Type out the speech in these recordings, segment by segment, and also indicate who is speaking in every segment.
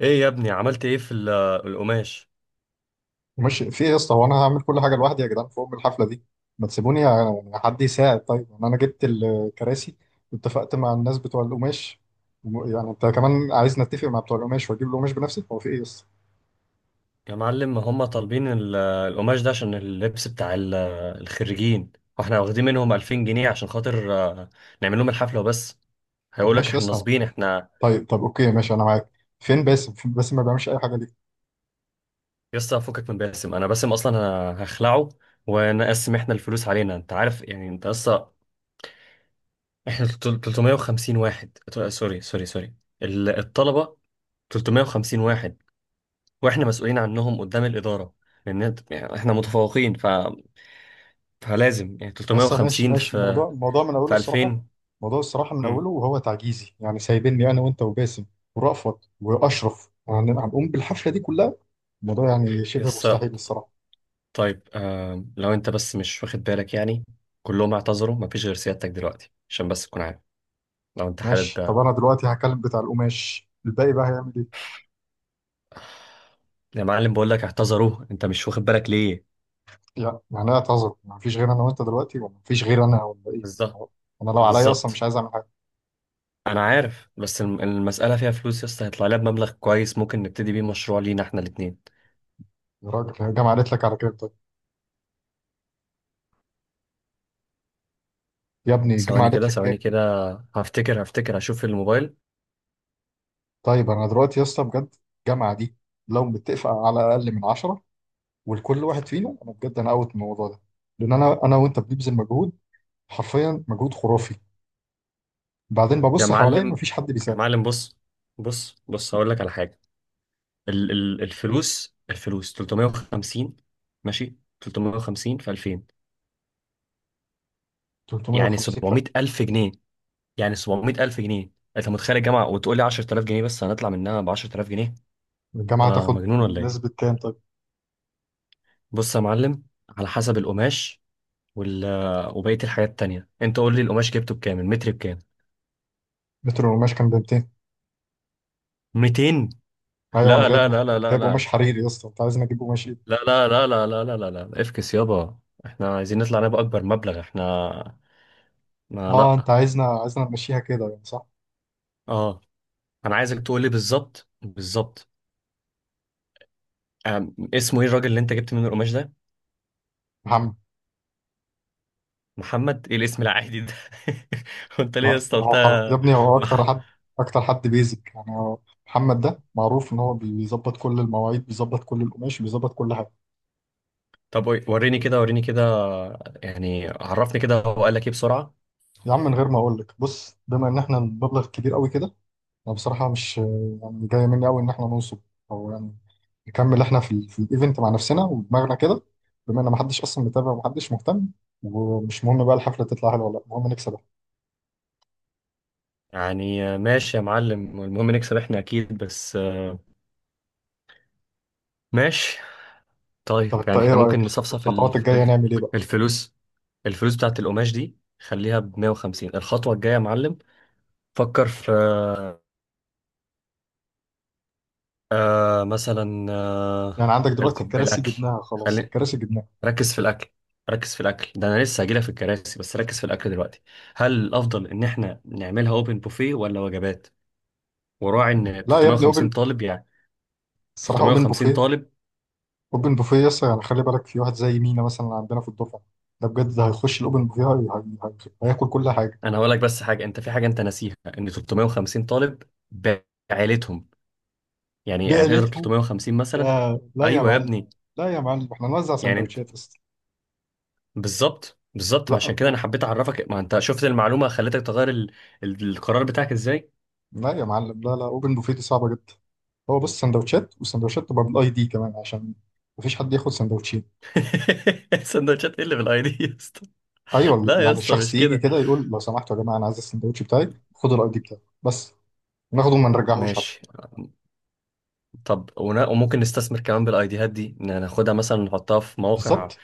Speaker 1: ايه يا ابني، عملت ايه في القماش؟
Speaker 2: مش في ايه يا اسطى؟ هو انا هعمل كل حاجه لوحدي يا جدعان فوق الحفله دي؟ ما تسيبوني، حد يساعد، طيب. يعني انا جبت الكراسي واتفقت مع الناس بتوع القماش، يعني انت كمان عايز نتفق مع بتوع القماش واجيب القماش بنفسي؟ هو في ايه يا اسطى؟
Speaker 1: يا معلم، هم طالبين القماش ده عشان اللبس بتاع الخريجين، واحنا واخدين منهم 2000 جنيه عشان خاطر نعمل لهم الحفلة وبس.
Speaker 2: طب
Speaker 1: هيقولك
Speaker 2: ماشي يا
Speaker 1: احنا
Speaker 2: اسطى،
Speaker 1: نصبين. احنا
Speaker 2: طيب، طب اوكي ماشي انا معاك. فين باسم؟ فين باسم؟ ما بيعملش اي حاجه ليه؟
Speaker 1: يسطا، فكك من باسم. انا باسم اصلا انا هخلعه ونقسم احنا الفلوس علينا. انت عارف يعني، انت اصلا احنا 350 واحد سوري سوري سوري، الطلبة 350 واحد، واحنا مسؤولين عنهم قدام الإدارة، لان يعني احنا متفوقين، فلازم يعني
Speaker 2: يا اسطى ماشي
Speaker 1: 350
Speaker 2: ماشي،
Speaker 1: في
Speaker 2: الموضوع من اوله الصراحه.
Speaker 1: 2000.
Speaker 2: الموضوع الصراحه من اوله
Speaker 1: امم
Speaker 2: وهو تعجيزي، يعني سايبني انا وانت وباسم ورأفت واشرف، يعني هنقوم بالحفله دي كلها، الموضوع يعني شبه
Speaker 1: يس.
Speaker 2: مستحيل الصراحه.
Speaker 1: طيب، لو انت بس مش واخد بالك يعني، كلهم اعتذروا، مفيش غير سيادتك دلوقتي، عشان بس تكون عارف لو انت حابب.
Speaker 2: ماشي، طب انا دلوقتي هكلم بتاع القماش، الباقي بقى هيعمل ايه؟
Speaker 1: يا معلم بقول لك اعتذروا، انت مش واخد بالك ليه؟
Speaker 2: يعني انا اعتذر، ما فيش غير انا وانت دلوقتي، ولا ما فيش غير انا، ولا ايه؟
Speaker 1: بالظبط
Speaker 2: هو انا لو عليا اصلا
Speaker 1: بالظبط.
Speaker 2: مش عايز اعمل حاجه.
Speaker 1: انا عارف، بس المسألة فيها فلوس يس، هيطلع لها بمبلغ كويس ممكن نبتدي بيه مشروع لينا احنا الاتنين.
Speaker 2: يا راجل هي الجامعه قالت لك على كام طيب؟ يا ابني الجامعه
Speaker 1: ثواني
Speaker 2: قالت
Speaker 1: كده
Speaker 2: لك
Speaker 1: ثواني
Speaker 2: كام؟
Speaker 1: كده، هفتكر، هشوف في الموبايل.
Speaker 2: طيب انا دلوقتي يا اسطى بجد الجامعه دي، لو متفق على اقل من 10 ولكل واحد فينا، انا بجد انا اوت من الموضوع ده، لان انا وانت بنبذل مجهود، حرفيا مجهود خرافي، بعدين
Speaker 1: يا
Speaker 2: ببص حواليا
Speaker 1: معلم
Speaker 2: مفيش حد
Speaker 1: يا
Speaker 2: بيساعد.
Speaker 1: معلم، بص بص بص، هقول لك على حاجة. ال ال الفلوس 350، ماشي؟ 350 في 2000 يعني
Speaker 2: 350 فئة؟
Speaker 1: 700000 جنيه، يعني 700000 جنيه. انت متخيل الجامعه وتقول لي 10000 جنيه؟ بس هنطلع منها ب 10000 جنيه؟ انت
Speaker 2: الجامعة تاخد
Speaker 1: مجنون ولا ايه؟
Speaker 2: نسبة كام طيب؟
Speaker 1: بص يا معلم، على حسب القماش وال وبقيه الحاجات التانيه. انت قول لي القماش جبته بكام، المتر بكام؟
Speaker 2: متر القماش كان ب
Speaker 1: 200؟
Speaker 2: ايوه انا
Speaker 1: لا
Speaker 2: جايب
Speaker 1: لا لا لا لا
Speaker 2: جايب قماش
Speaker 1: لا
Speaker 2: حريري يا اسطى، انت عايزنا نجيب قماش ايه؟
Speaker 1: لا لا لا لا لا لا لا لا، افكس يابا. احنا عايزين نطلع نبقى اكبر مبلغ احنا، ما
Speaker 2: اه انت
Speaker 1: لا.
Speaker 2: عايزنا نمشيها كده يعني صح؟
Speaker 1: اه. انا عايزك تقول لي بالظبط بالظبط. اسمه ايه الراجل اللي انت جبت منه القماش ده؟
Speaker 2: محمد.
Speaker 1: محمد؟ ايه الاسم العادي ده؟ وانت ليه يا
Speaker 2: لا
Speaker 1: اسطى قلت
Speaker 2: هو يا ابني هو اكتر
Speaker 1: مح...
Speaker 2: حد، اكتر حد بيزك يعني هو. محمد ده معروف ان هو بيظبط كل المواعيد، بيظبط كل القماش، بيظبط كل حاجه.
Speaker 1: طب وريني كده وريني كده، يعني عرفني كده هو قال لك ايه بسرعة.
Speaker 2: يا عم من غير ما اقول لك، بص، بما ان احنا المبلغ كبير قوي كده، انا بصراحه مش يعني جايه مني قوي ان احنا ننصب، او يعني نكمل احنا في، في الايفنت مع نفسنا ودماغنا كده، بما ان محدش اصلا متابع ومحدش مهتم، ومش مهم بقى الحفله تطلع حلوه ولا لا، المهم نكسب.
Speaker 1: يعني ماشي يا معلم، المهم نكسب احنا اكيد، بس ماشي. طيب
Speaker 2: طب انت
Speaker 1: يعني
Speaker 2: ايه
Speaker 1: احنا
Speaker 2: رأيك،
Speaker 1: ممكن نصفصف
Speaker 2: الخطوات الجاية نعمل ايه بقى؟
Speaker 1: الفلوس. الفلوس بتاعت القماش دي خليها ب 150. الخطوة الجاية يا معلم، فكر في مثلا،
Speaker 2: يعني عندك دلوقتي
Speaker 1: الكوب،
Speaker 2: الكراسي
Speaker 1: الأكل.
Speaker 2: جبناها خلاص،
Speaker 1: خلي،
Speaker 2: الكراسي جبناها.
Speaker 1: ركز في الاكل. ركز في الاكل ده، انا لسه هجيلك في الكراسي، بس ركز في الاكل دلوقتي. هل الافضل ان احنا نعملها اوبن بوفيه ولا وجبات؟ وراعي ان
Speaker 2: لا يا ابني،
Speaker 1: 350
Speaker 2: اوبن،
Speaker 1: طالب يعني،
Speaker 2: الصراحة اوبن
Speaker 1: 350
Speaker 2: بوفيه.
Speaker 1: طالب.
Speaker 2: اوبن بوفيه يس، يعني خلي بالك في واحد زي مينا مثلا عندنا في الدفعة، ده بجد ده هيخش الاوبن بوفيه، هياكل كل حاجة.
Speaker 1: انا هقول لك بس حاجه، انت في حاجه انت ناسيها، ان 350 طالب بعائلتهم. يعني هتقدر
Speaker 2: بعلتهم؟
Speaker 1: 350 مثلا؟
Speaker 2: لا لا يا
Speaker 1: ايوه يا
Speaker 2: معلم،
Speaker 1: ابني.
Speaker 2: لا يا معلم، احنا نوزع
Speaker 1: يعني انت
Speaker 2: سندوتشات يس.
Speaker 1: بالظبط بالظبط، ما عشان
Speaker 2: لا
Speaker 1: كده انا حبيت اعرفك. ما انت شفت المعلومه خلتك تغير القرار بتاعك ازاي.
Speaker 2: لا يا معلم، لا لا، اوبن بوفيه دي صعبة جدا، هو بص سندوتشات، وسندوتشات تبقى بالاي دي كمان عشان مفيش حد ياخد سندوتشين.
Speaker 1: سندوتشات ايه اللي بالاي دي يا اسطى؟
Speaker 2: ايوه
Speaker 1: لا يا
Speaker 2: يعني
Speaker 1: اسطى،
Speaker 2: الشخص
Speaker 1: مش
Speaker 2: يجي
Speaker 1: كده.
Speaker 2: كده يقول، لو سمحتوا يا جماعه انا عايز السندوتش بتاعي، خدوا الاي دي بتاعي بس، ناخده وما نرجعهوش حتى.
Speaker 1: ماشي. طب وممكن نستثمر كمان بالايديهات دي، إن ناخدها مثلا نحطها في مواقع،
Speaker 2: بالظبط،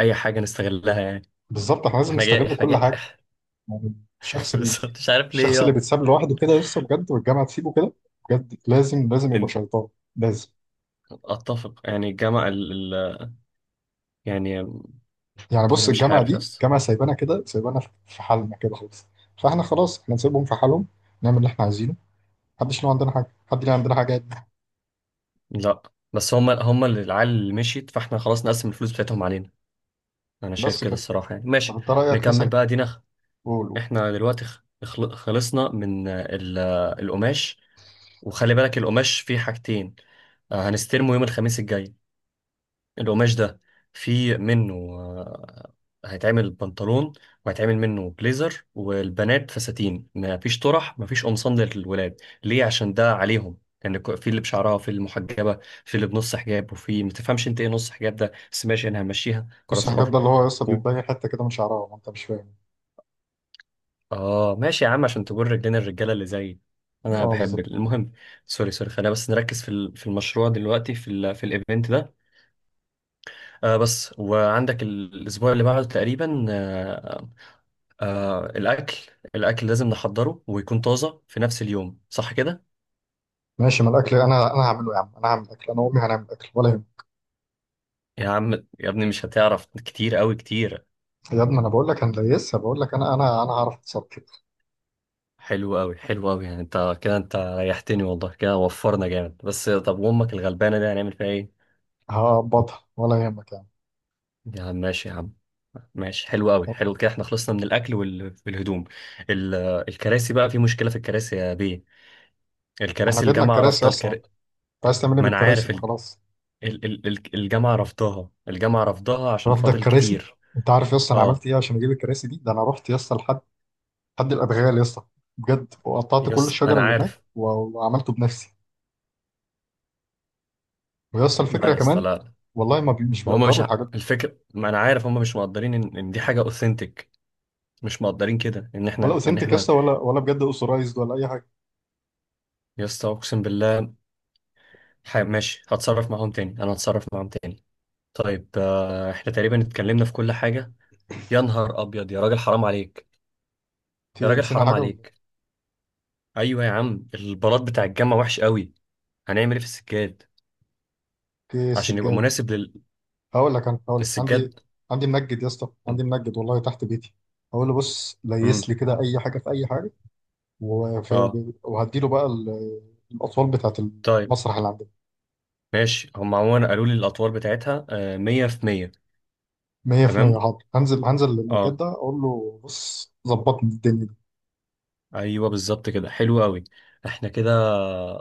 Speaker 1: اي حاجه نستغلها يعني.
Speaker 2: بالظبط احنا لازم
Speaker 1: واحنا جاي
Speaker 2: نستغل
Speaker 1: احنا
Speaker 2: كل
Speaker 1: جاي.
Speaker 2: حاجه. يعني الشخص اللي
Speaker 1: بس مش عارف ليه
Speaker 2: الشخص اللي
Speaker 1: يا
Speaker 2: بيتساب لوحده كده لسه بجد، والجامعه تسيبه كده، بجد لازم لازم يبقى
Speaker 1: إن-
Speaker 2: شيطان، لازم.
Speaker 1: اتفق يعني الجامعه يعني،
Speaker 2: يعني بص،
Speaker 1: انا مش
Speaker 2: الجامعه
Speaker 1: عارف
Speaker 2: دي
Speaker 1: يس.
Speaker 2: جامعه سايبانا كده، سايبانا في حالنا كده خالص، فاحنا خلاص احنا نسيبهم في حالهم، نعمل اللي احنا عايزينه، محدش له عندنا حاجه، محد له عندنا حاجات.
Speaker 1: لا، بس هم اللي العيال اللي مشيت، فاحنا خلاص نقسم الفلوس بتاعتهم علينا. انا شايف
Speaker 2: بس
Speaker 1: كده
Speaker 2: كده.
Speaker 1: الصراحه، يعني
Speaker 2: طب
Speaker 1: ماشي،
Speaker 2: انت رايك
Speaker 1: نكمل
Speaker 2: مثلا،
Speaker 1: بقى دينا.
Speaker 2: قول قول.
Speaker 1: احنا دلوقتي خلصنا من آه، ال... آه، القماش. وخلي بالك القماش فيه حاجتين، هنستلمه يوم الخميس الجاي، القماش ده في منه هيتعمل بنطلون، وهيتعمل منه بليزر، والبنات فساتين. مفيش طرح، مفيش قمصان للولاد، ليه؟ عشان ده عليهم، لان يعني في اللي بشعرها، في اللي محجبه، في اللي بنص حجاب، وفي ما تفهمش انت ايه نص حجاب ده، بس ماشي انا همشيها
Speaker 2: بص
Speaker 1: قرارات
Speaker 2: الحجاب
Speaker 1: حر.
Speaker 2: ده اللي هو لسه
Speaker 1: و-
Speaker 2: بيتبين حته كده من شعرها، ما انت مش فاهم.
Speaker 1: اه، ماشي يا عم، عشان تقول رجلنا الرجاله اللي زيي، انا
Speaker 2: اه
Speaker 1: بحب
Speaker 2: بالظبط.
Speaker 1: المهم، سوري سوري، خلينا بس نركز في في المشروع دلوقتي، في في الايفنت ده. بس وعندك الاسبوع اللي بعده تقريبا، الأكل. الأكل لازم نحضره ويكون طازة في نفس اليوم، صح كده؟
Speaker 2: ماشي، ما الاكل انا هعمله يا عم، انا هعمل اكل انا وامي، هنعمل اكل ولا يهمك.
Speaker 1: يا عم يا ابني، مش هتعرف، كتير أوي كتير.
Speaker 2: يا ابني انا بقول لك هنديسها، بقول لك انا انا هعرف اتصرف.
Speaker 1: حلو أوي، حلو أوي، يعني أنت كده أنت ريحتني والله كده، وفرنا جامد. بس طب وأمك الغلبانة دي هنعمل فيها إيه؟
Speaker 2: هظبطها ولا يهمك يا عم.
Speaker 1: يا عم ماشي يا عم، ماشي، حلو أوي،
Speaker 2: طب
Speaker 1: حلو كده، إحنا خلصنا من الأكل والهدوم. ال- الكراسي بقى، في مشكلة في الكراسي يا بيه،
Speaker 2: احنا
Speaker 1: الكراسي
Speaker 2: بيدنا
Speaker 1: الجامعة
Speaker 2: الكراسي
Speaker 1: رافضة
Speaker 2: اصلا، انت عايز تعمل ايه
Speaker 1: ما أنا
Speaker 2: بالكراسي؟
Speaker 1: عارف،
Speaker 2: ما خلاص.
Speaker 1: الجامعة رافضاها، الجامعة رافضاها عشان
Speaker 2: رافضه
Speaker 1: فاضل
Speaker 2: الكراسي؟
Speaker 1: كتير.
Speaker 2: انت عارف يا اسطى انا عملت
Speaker 1: أه،
Speaker 2: ايه عشان اجيب الكراسي دي؟ ده انا رحت يا اسطى لحد، حد الادغال يا اسطى، بجد، وقطعت كل
Speaker 1: يس
Speaker 2: الشجر
Speaker 1: انا
Speaker 2: اللي هناك
Speaker 1: عارف.
Speaker 2: وعملته بنفسي. ويا اسطى
Speaker 1: لا
Speaker 2: الفكره
Speaker 1: يا اسطى،
Speaker 2: كمان،
Speaker 1: لا لا.
Speaker 2: والله ما بي مش
Speaker 1: ما هم مش
Speaker 2: بيقدروا الحاجات دي،
Speaker 1: الفكر، ما انا عارف هم مش مقدرين ان، إن دي حاجه اوثنتيك. مش مقدرين كده ان
Speaker 2: ولا
Speaker 1: احنا ان
Speaker 2: اوثنتيك يا
Speaker 1: احنا
Speaker 2: اسطى ولا ولا بجد اوثورايزد ولا اي حاجه.
Speaker 1: يا اسطى، اقسم بالله. ماشي، هتصرف معاهم تاني، انا هتصرف معاهم تاني. طيب، احنا تقريبا اتكلمنا في كل حاجه. يا نهار ابيض، يا راجل حرام عليك، يا راجل
Speaker 2: تنسينا
Speaker 1: حرام
Speaker 2: حاجه ولا؟
Speaker 1: عليك. ايوه يا عم، البلاط بتاع الجامعه وحش قوي. هنعمل ايه في السجاد
Speaker 2: ايه
Speaker 1: عشان يبقى
Speaker 2: السجاده؟
Speaker 1: مناسب
Speaker 2: هقول لك، انا هقول لك عندي،
Speaker 1: للسجاد؟
Speaker 2: عندي منجد يا اسطى، عندي منجد والله تحت بيتي، هقول له بص ليس
Speaker 1: امم
Speaker 2: لي كده اي حاجه في اي حاجه،
Speaker 1: اه،
Speaker 2: وهديله بقى الاطوال بتاعه،
Speaker 1: طيب
Speaker 2: المسرح اللي عندنا.
Speaker 1: ماشي. هم عموما قالوا لي الاطوال بتاعتها 100 في 100.
Speaker 2: 100%
Speaker 1: تمام،
Speaker 2: حاضر، هنزل للمنجد
Speaker 1: اه،
Speaker 2: ده اقول له بص ظبطني الدنيا دي.
Speaker 1: ايوه بالظبط كده، حلو قوي. احنا كده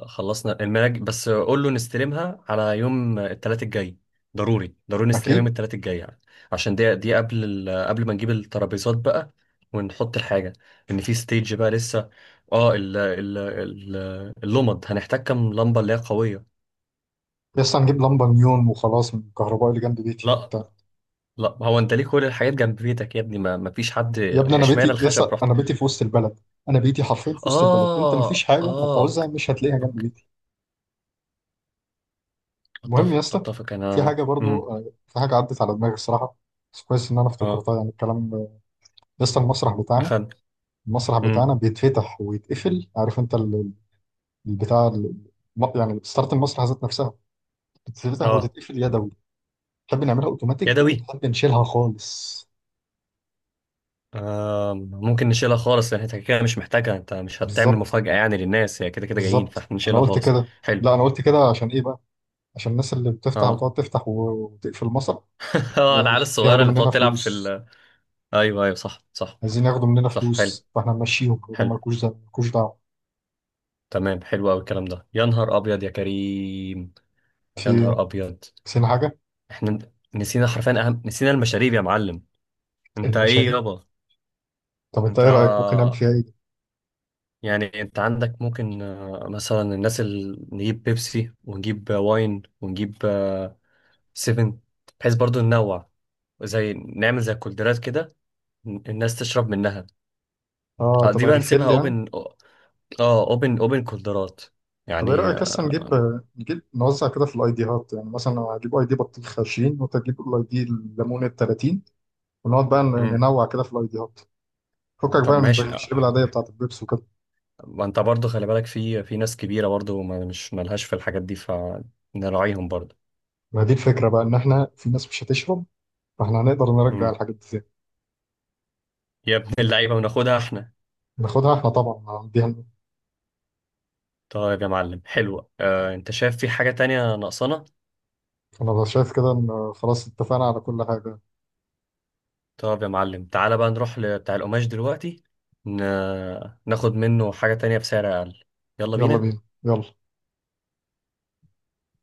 Speaker 1: خلصنا المناج، بس قول له نستلمها على يوم الثلاث الجاي، ضروري ضروري نستلمها يوم
Speaker 2: اكيد.
Speaker 1: الثلاث الجاي يعني. عشان دي قبل قبل ما نجيب الترابيزات بقى، ونحط الحاجه، لان في ستيج بقى لسه. اه اللمض، هنحتاج كام لمبه اللي هي قويه؟
Speaker 2: يا اسطى هنجيب لمبه نيون وخلاص من الكهرباء اللي جنب بيتي
Speaker 1: لا،
Speaker 2: وبتاع.
Speaker 1: لا، هو انت ليه كل الحاجات جنب بيتك يا ابني؟ ما فيش حد
Speaker 2: يا ابني انا
Speaker 1: اشمعنى
Speaker 2: بيتي يا
Speaker 1: الخشب
Speaker 2: اسطى،
Speaker 1: رحت.
Speaker 2: انا بيتي في وسط البلد، انا بيتي حرفيا في وسط البلد، انت مفيش
Speaker 1: اه
Speaker 2: حاجه
Speaker 1: اه،
Speaker 2: هتعوزها
Speaker 1: اوكي،
Speaker 2: مش هتلاقيها جنب
Speaker 1: اوكي،
Speaker 2: بيتك. المهم يا
Speaker 1: اتفق
Speaker 2: اسطى،
Speaker 1: اتفق
Speaker 2: في
Speaker 1: انا.
Speaker 2: حاجه برضو، في حاجه عدت على دماغي الصراحه، بس كويس ان انا
Speaker 1: اه،
Speaker 2: افتكرتها يعني الكلام. يا اسطى المسرح بتاعنا،
Speaker 1: أخد.
Speaker 2: المسرح
Speaker 1: امم
Speaker 2: بتاعنا بيتفتح ويتقفل، عارف انت البتاع يعني ستارت المسرح ذات نفسها بتتفتح
Speaker 1: اه،
Speaker 2: وتتقفل يدوي. تحب نعملها اوتوماتيك ولا
Speaker 1: يدوي.
Speaker 2: تحب نشيلها خالص؟
Speaker 1: ممكن نشيلها خالص، لأن انت كده مش محتاجها، انت مش هتعمل
Speaker 2: بالظبط،
Speaker 1: مفاجأة يعني للناس، هي كده كده جايين،
Speaker 2: بالظبط
Speaker 1: فاحنا
Speaker 2: انا
Speaker 1: نشيلها
Speaker 2: قلت
Speaker 1: خالص.
Speaker 2: كده،
Speaker 1: حلو.
Speaker 2: لا انا قلت كده عشان ايه بقى، عشان الناس اللي بتفتح
Speaker 1: اه
Speaker 2: وتقعد تفتح وتقفل المسرح،
Speaker 1: اه، العيال الصغيرة
Speaker 2: ياخدوا
Speaker 1: اللي
Speaker 2: مننا
Speaker 1: بتقعد تلعب في
Speaker 2: فلوس،
Speaker 1: ال، ايوه ايوه صح صح،
Speaker 2: عايزين ياخدوا مننا
Speaker 1: صح، حلو،
Speaker 2: فلوس، فاحنا نمشيهم يقولوا
Speaker 1: حلو.
Speaker 2: مالكوش، ده مالكوش.
Speaker 1: تمام، حلو قوي الكلام ده، يا نهار ابيض، يا كريم، يا
Speaker 2: دعوه.
Speaker 1: نهار ابيض.
Speaker 2: نسينا حاجة،
Speaker 1: احنا نسينا، حرفيا اهم، نسينا المشاريب يا معلم، انت ايه
Speaker 2: المشاريب.
Speaker 1: يابا؟
Speaker 2: طب انت
Speaker 1: انت،
Speaker 2: ايه رأيك ممكن نعمل فيها ايه دي؟
Speaker 1: يعني انت عندك ممكن مثلا، الناس اللي، نجيب بيبسي، ونجيب واين، ونجيب سيفن، بحيث برضو ننوع. زي نعمل زي كولدرات كده، الناس تشرب منها.
Speaker 2: اه طب
Speaker 1: دي بقى نسيبها
Speaker 2: ريفيل يعني؟
Speaker 1: اوبن. اه، اوبن، اوبن كولدرات،
Speaker 2: طب ايه
Speaker 1: يعني
Speaker 2: رأيك اصلا نجيب، نوزع كده في الايديهات، يعني مثلا انا هجيب اي دي بطيخ 20، وانت تجيب الاي دي الليمون ال 30، ونقعد بقى
Speaker 1: مم.
Speaker 2: ننوع كده في الايديهات، فكك
Speaker 1: طب
Speaker 2: بقى من
Speaker 1: ماشي،
Speaker 2: المشاريب العادية بتاعت البيبس وكده.
Speaker 1: ما انت برضو خلي بالك في، في ناس كبيرة برضو ما مش ملهاش في الحاجات دي، فنراعيهم برضو.
Speaker 2: ما دي الفكرة بقى، ان احنا في ناس مش هتشرب، فاحنا هنقدر نرجع
Speaker 1: مم.
Speaker 2: الحاجات دي ازاي؟
Speaker 1: يا ابن اللعيبة، وناخدها احنا.
Speaker 2: ناخدها احنا طبعا هنديها لنا.
Speaker 1: طيب يا معلم حلوة، انت شايف في حاجة تانية ناقصانا؟
Speaker 2: انا بقى شايف كده ان خلاص اتفقنا على كل حاجة.
Speaker 1: طب يا معلم، تعالى بقى نروح لبتاع القماش دلوقتي، ن... ناخد منه حاجة تانية بسعر أقل. يلا
Speaker 2: يلا
Speaker 1: بينا.
Speaker 2: بينا، يلا.